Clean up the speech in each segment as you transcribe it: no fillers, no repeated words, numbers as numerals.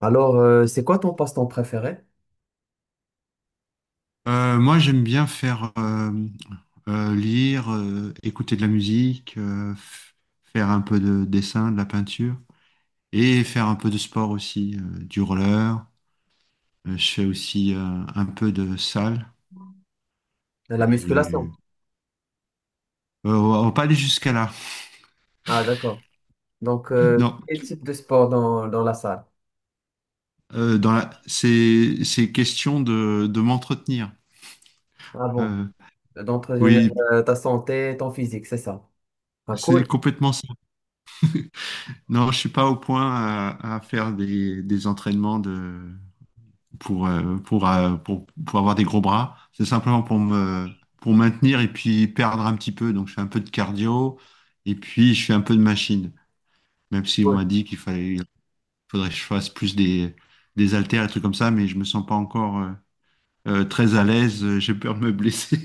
Alors, c'est quoi ton passe-temps préféré? Moi, j'aime bien faire lire, écouter de la musique, faire un peu de dessin, de la peinture et faire un peu de sport aussi, du roller. Je fais aussi un peu de salle La et musculation. On va pas aller jusqu'à là. Ah, d'accord. Donc, Non. quel type de sport dans la salle? C'est question de m'entretenir. Ah bon, Euh, d'entretenir oui, ta santé, ton physique, c'est ça. Ah, c'est cool. complètement ça. Non, je suis pas au point à faire des entraînements de pour avoir des gros bras. C'est simplement pour maintenir et puis perdre un petit peu. Donc, je fais un peu de cardio et puis je fais un peu de machine. Même si on Cool. m'a dit il faudrait que je fasse plus des haltères et trucs comme ça, mais je me sens pas encore très à l'aise. J'ai peur de me blesser.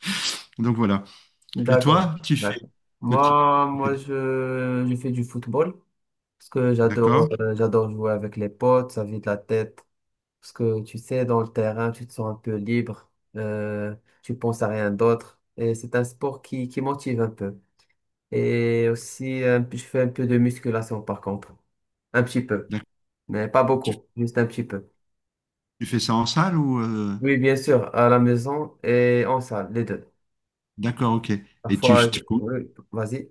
Donc, voilà. Et D'accord. toi, tu fais? D'accord. tu, tu Moi, fais, moi du- je fais du football parce que j'adore d'accord, euh, j'adore jouer avec les potes, ça vide la tête. Parce que tu sais, dans le terrain, tu te sens un peu libre, euh, tu penses à rien d'autre. Et c'est un sport qui motive un peu. Et aussi, un je fais un peu de musculation par contre. Un petit peu, d'accord. mais pas Tu, beaucoup, juste un petit peu. tu fais ça en salle ou, Oui, bien sûr, à la maison et en salle, les deux. d'accord, ok. Et tu, Parfois, tu, oui, vas-y.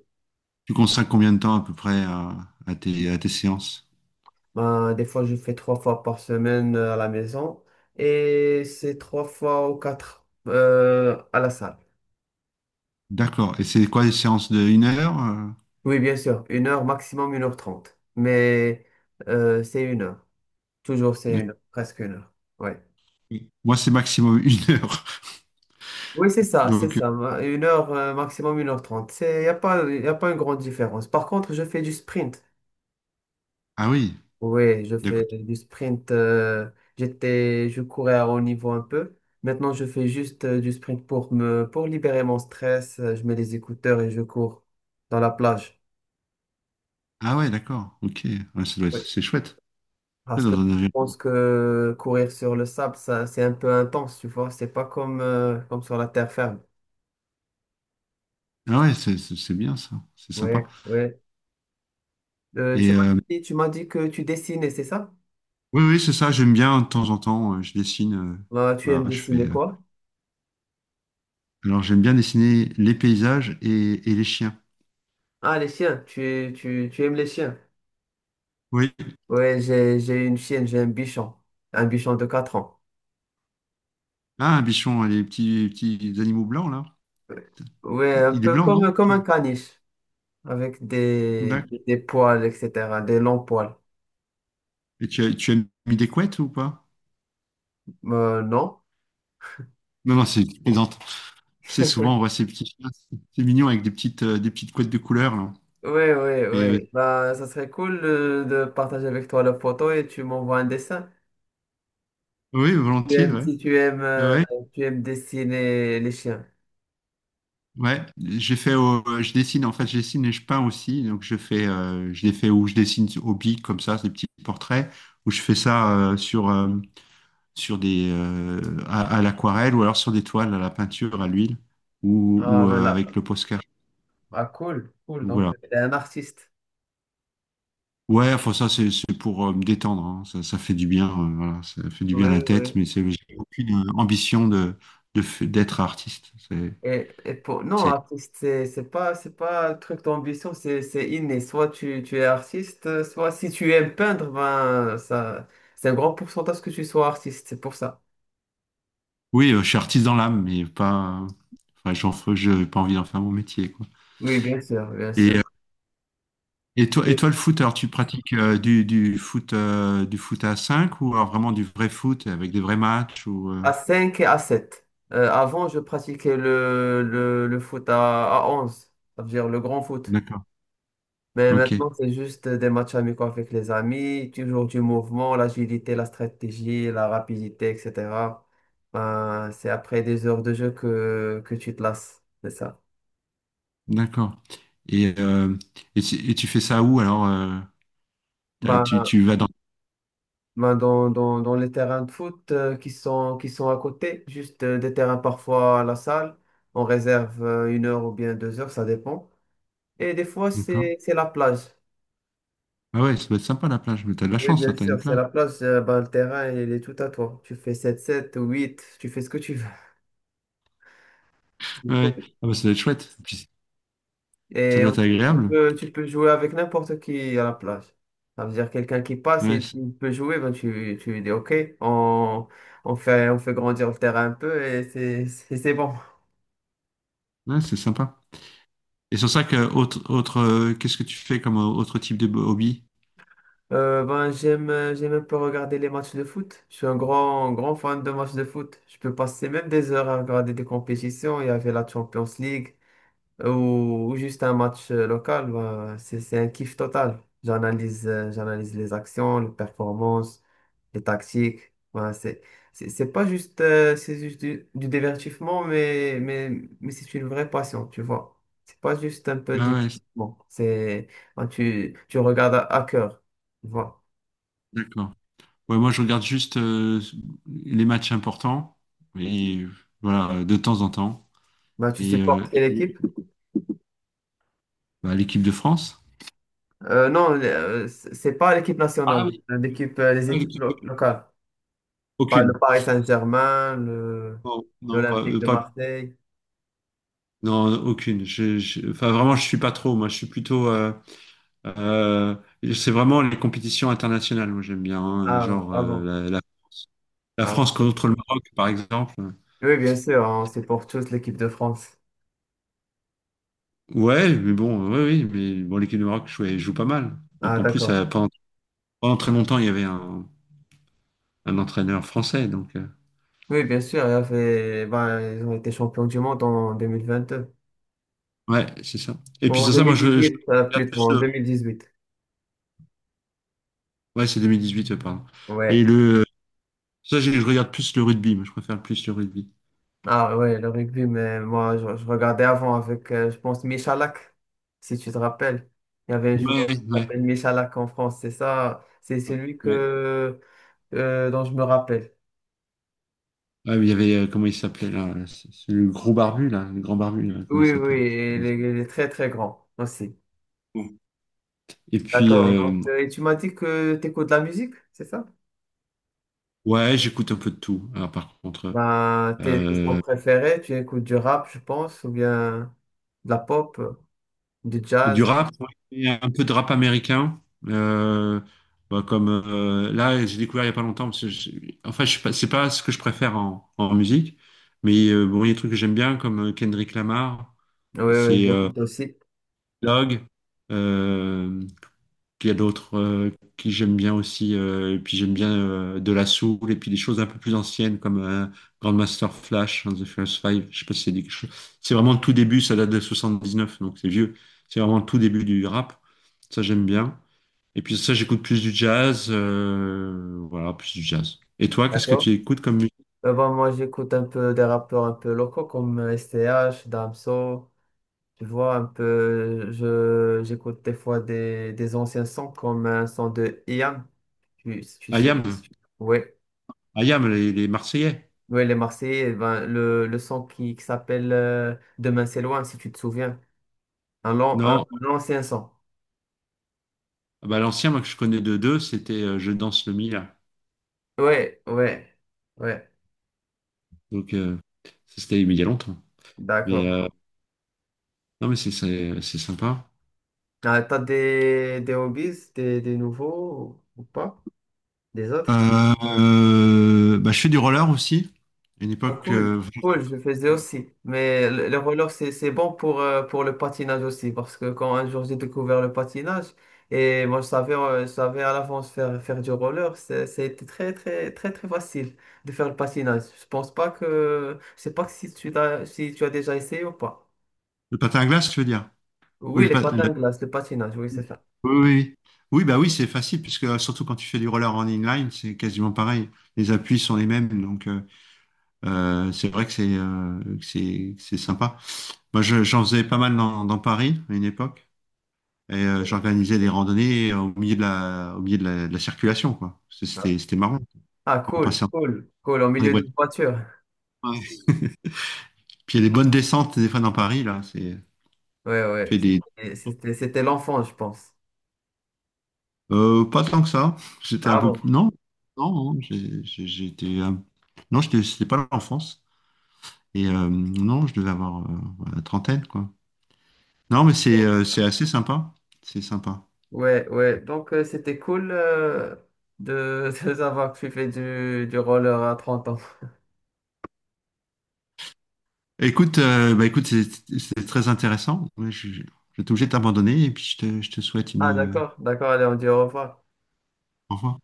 tu consacres combien de temps à peu près à tes séances? Ben, des fois, je fais trois fois par semaine, à la maison et c'est trois fois ou quatre, à la salle. D'accord. Et c'est quoi les séances de une heure? Oui, bien sûr, une heure, maximum une heure trente. Mais, c'est une heure. Toujours c'est D'accord. une heure, presque une heure. Oui. Moi, c'est maximum une heure. Oui, c'est ça, c'est Donc, ça. Une heure, maximum une heure trente. C'est, y a pas une grande différence. Par contre, je fais du sprint. ah oui, Oui, je d'accord. fais du sprint. Je courais à haut niveau un peu. Maintenant, je fais juste du sprint pour libérer mon stress. Je mets les écouteurs et je cours dans la plage. Ah ouais, d'accord. Ok. Ouais, Oui. c'est chouette. C'est Parce dans que un je environnement. pense que courir sur le sable, ça, c'est un peu intense, tu vois. C'est pas comme sur la terre ferme. Ah ouais, c'est bien ça. C'est Oui, sympa. oui. Euh, tu Et m'as euh, tu m'as dit que tu dessinais, c'est ça? oui, oui, c'est ça. J'aime bien de temps en temps. Je dessine. Ah, tu aimes Voilà. je fais. dessiner quoi? Alors, j'aime bien dessiner les paysages et les chiens. Ah, les chiens. Tu aimes les chiens? Oui. Ouais, j'ai une chienne, j'ai un bichon. Un bichon de 4 ans. Ah, un bichon, hein, les petits, petits animaux blancs là. Ouais, un Il est peu blanc, non? comme un caniche, avec des, D'accord. des poils, etc., des longs poils. Et tu as mis des couettes ou pas? Non? Non, non, c'est une plaisante. Tu sais, souvent, on voit ces petits chiens, c'est mignon avec des petites couettes de couleur, là. Ouais, ouais, Mais euh, ouais. Bah, ça serait cool de partager avec toi la photo et tu m'envoies un dessin. oui, volontiers, ouais. Si tu aimes, Ouais, ouais, tu aimes dessiner les chiens. ouais. Je dessine, en fait, je dessine et je peins aussi. Donc, je les fais où je dessine au bic, comme ça, des petits portraits, où je fais ça sur des, euh, à l'aquarelle ou alors sur des toiles, à la peinture, à l'huile Ah, ou avec voilà. le Posca. Ah, cool, cool. Donc, Donc, voilà. t'es un artiste. Ouais, enfin ça c'est pour me détendre, hein. Ça fait du bien, voilà, ça fait du bien à Oui, la tête, oui. mais c'est j'ai aucune ambition d'être artiste. Et pour... Non, C'est artiste, c'est pas un truc d'ambition, c'est inné. Soit tu es artiste, soit si tu aimes peindre, ben, ça, c'est un grand pourcentage que tu sois artiste, c'est pour ça. oui, je suis artiste dans l'âme, mais pas, enfin j'ai pas envie d'en faire mon métier quoi. Oui, bien sûr, bien Et euh, sûr. et toi C'est le foot, alors tu pratiques du foot du foot à 5 ou alors vraiment du vrai foot avec des vrais matchs ou à 5 et à sept. Avant, je pratiquais le foot à 11, ça veut dire le grand foot. D'accord, Mais ok, maintenant, c'est juste des matchs amicaux avec les amis, toujours du mouvement, l'agilité, la stratégie, la rapidité, etc. Ben, c'est après des heures de jeu que tu te lasses, c'est ça. d'accord. Et euh, et tu fais ça où alors Ben, tu vas dans ben, dans les terrains de foot qui sont à côté, juste des terrains parfois à la salle, on réserve une heure ou bien deux heures, ça dépend. Et des fois, D'accord. c'est la plage. Ah ouais, ça doit être sympa la plage, mais t'as de la Oui, chance, bien toi, t'as une sûr, c'est plage. la plage, ben, le terrain, il est tout à toi. Tu fais sept sept ou huit, tu fais ce que tu veux. Ouais, ouais. Ah bah, ça doit être chouette, puis ça Et doit on- être tu agréable. peux, tu peux jouer avec n'importe qui à la plage. Ça veut dire quelqu'un qui passe Ouais, et c'est tu peux jouer, ben tu lui dis OK, on, on fait grandir le terrain un peu et c'est bon. ouais, c'est sympa. Qu'est-ce que tu fais comme autre type de hobby? Ben, j'aime un peu regarder les matchs de foot. Je suis un grand, grand fan de matchs de foot. Je peux passer même des heures à regarder des compétitions. Il y avait la Champions League. Ou juste un match local, bah, c'est un kiff total. J'analyse les actions, les performances, les tactiques. Bah, c'est pas juste c'est juste du divertissement, mais c'est une vraie passion, tu vois. C'est pas juste un peu de Ah ouais, divertissement. C'est bah, tu regardes à cœur, tu vois. d'accord. Ouais, moi, je regarde juste les matchs importants, et voilà, de temps en temps. Bah, tu Et, euh, supportes quelle et, équipe? Bah, l'équipe de France? Non, c'est pas l'équipe Ah nationale, oui, les ah, équipes locales. Pas le aucune. Paris Saint-Germain, le Non, non, l'Olympique de Marseille. non, aucune. Enfin, vraiment, je suis pas trop. Moi, je suis plutôt. Euh, c'est vraiment les compétitions internationales, moi j'aime bien, hein, Ah, genre avant. La Ah, France bon. contre le Maroc, par exemple. Oui, bien sûr, on supporte tous l'équipe de France. Ouais, mais bon, ouais, oui, mais bon, l'équipe du Maroc joue, pas mal. Donc Ah, en plus, d'accord. Pendant très longtemps, il y avait un entraîneur français, donc Oui, bien sûr, ben, ils ont été champions du monde en 2022. ouais, c'est ça. Et puis En sur ça, moi je 2018, regarde plutôt, plus en le- 2018. ouais, c'est 2018, pardon. Et Ouais. le Ça, je regarde plus le rugby, moi, je préfère plus le rugby. Ah, ouais, le rugby, mais moi, je regardais avant avec, je pense, Michalak, si tu te rappelles. Il y avait un joueur Ouais, qui ouais, s'appelle Michalak en France, c'est ça. C'est celui ouais. Dont je me rappelle. Ah, mais il y avait, comment il s'appelait là? C'est le gros barbu là, le grand barbu, là, comment il Oui, oui, s'appelle? Je sais plus et il comment il est, s'appelle. il est très très grand aussi. Bon. Et puis, D'accord. Ouais. Donc, euh, et tu m'as dit que tu écoutes de la musique, c'est ça? ouais, j'écoute un peu de tout. Alors, par contre, Ben, tes sons euh, préférés, tu écoutes du rap, je pense, ou bien de la pop, du du jazz. rap, ouais, un peu de rap américain. Euh, Bah, comme là, j'ai découvert il n'y a pas longtemps. Enfin, je, sais pas- c'est pas ce que je préfère en musique, mais bon, il y a des trucs que j'aime bien, comme Kendrick Lamar, Oui, oui, c'est j'écoute aussi. Log. euh, Puis il y a d'autres qui j'aime bien aussi. Et puis j'aime bien de la soul et puis des choses un peu plus anciennes comme Grandmaster Flash and the First Five. Je sais pas si c'est dit quelque chose. C'est vraiment le tout début, ça date de 79 donc c'est vieux. C'est vraiment le tout début du rap. Ça, j'aime bien. Et puis ça, j'écoute plus du jazz. Voilà, plus du jazz. Et toi, qu'est-ce que D'accord. tu écoutes comme musique? Ben, moi, j'écoute un peu des rappeurs un peu locaux comme STH, Damso. Tu vois, un peu, j'écoute des fois des anciens sons comme un son de Ian, tu sais. Ayam, Oui. Ayam, les Marseillais. Ouais, les Marseillais, eh ben, le son qui s'appelle Demain c'est loin, si tu te souviens. Un long, un, Non. un ancien son. Ah bah, l'ancien, moi, que je connais de deux, c'était Je danse le Mila. Ouais, ouais, ouais, Donc, euh, Ça, c'était mais il y a longtemps. Mais euh, d'accord. Non, mais c'est sympa. Ah, t'as des hobbies, des nouveaux ou pas? Des autres? Euh, Bah, je fais du roller aussi. À une Ah, époque, cool, cool, je le faisais aussi. Mais le roller, c'est bon pour le patinage aussi, parce que quand un jour j'ai découvert le patinage, et moi je savais à l'avance faire du roller, c'était très, très, très, très facile de faire le patinage. Je sais pas si tu as déjà essayé ou pas. le patin à glace, tu veux dire? Oui, Oui, les patins à glace, le patinage, oui, oui, c'est ça. oui, oui. Oui, bah oui, c'est facile, puisque surtout quand tu fais du roller en inline, c'est quasiment pareil. Les appuis sont les mêmes, donc c'est vrai que c'est que c'est sympa. J'en faisais pas mal dans Paris à une époque, et Oui. j'organisais des randonnées au milieu de la circulation, quoi. C'était marrant. Ah, On cool, passait entre cool, cool, au les milieu voitures. d'une voiture. Puis il y a des bonnes descentes des fois dans Paris, là. C'est Ouais, ouais, fait des. C'était l'enfant, je pense. Pas tant que ça. J'étais un Ah peu bon? plus. Non, non, non, j'ai- j'étais. Non, c'était pas l'enfance. Non, je devais avoir voilà, la trentaine, quoi. Non, mais c'est assez sympa. C'est sympa. Ouais, ouais, donc, c'était cool de savoir que tu fais du roller à 30 ans. Écoute, c'est très intéressant. Ouais, je vais être obligé de t'abandonner et puis je te souhaite une. Ah, d'accord, d'accord, allez, on dit au revoir. Au revoir.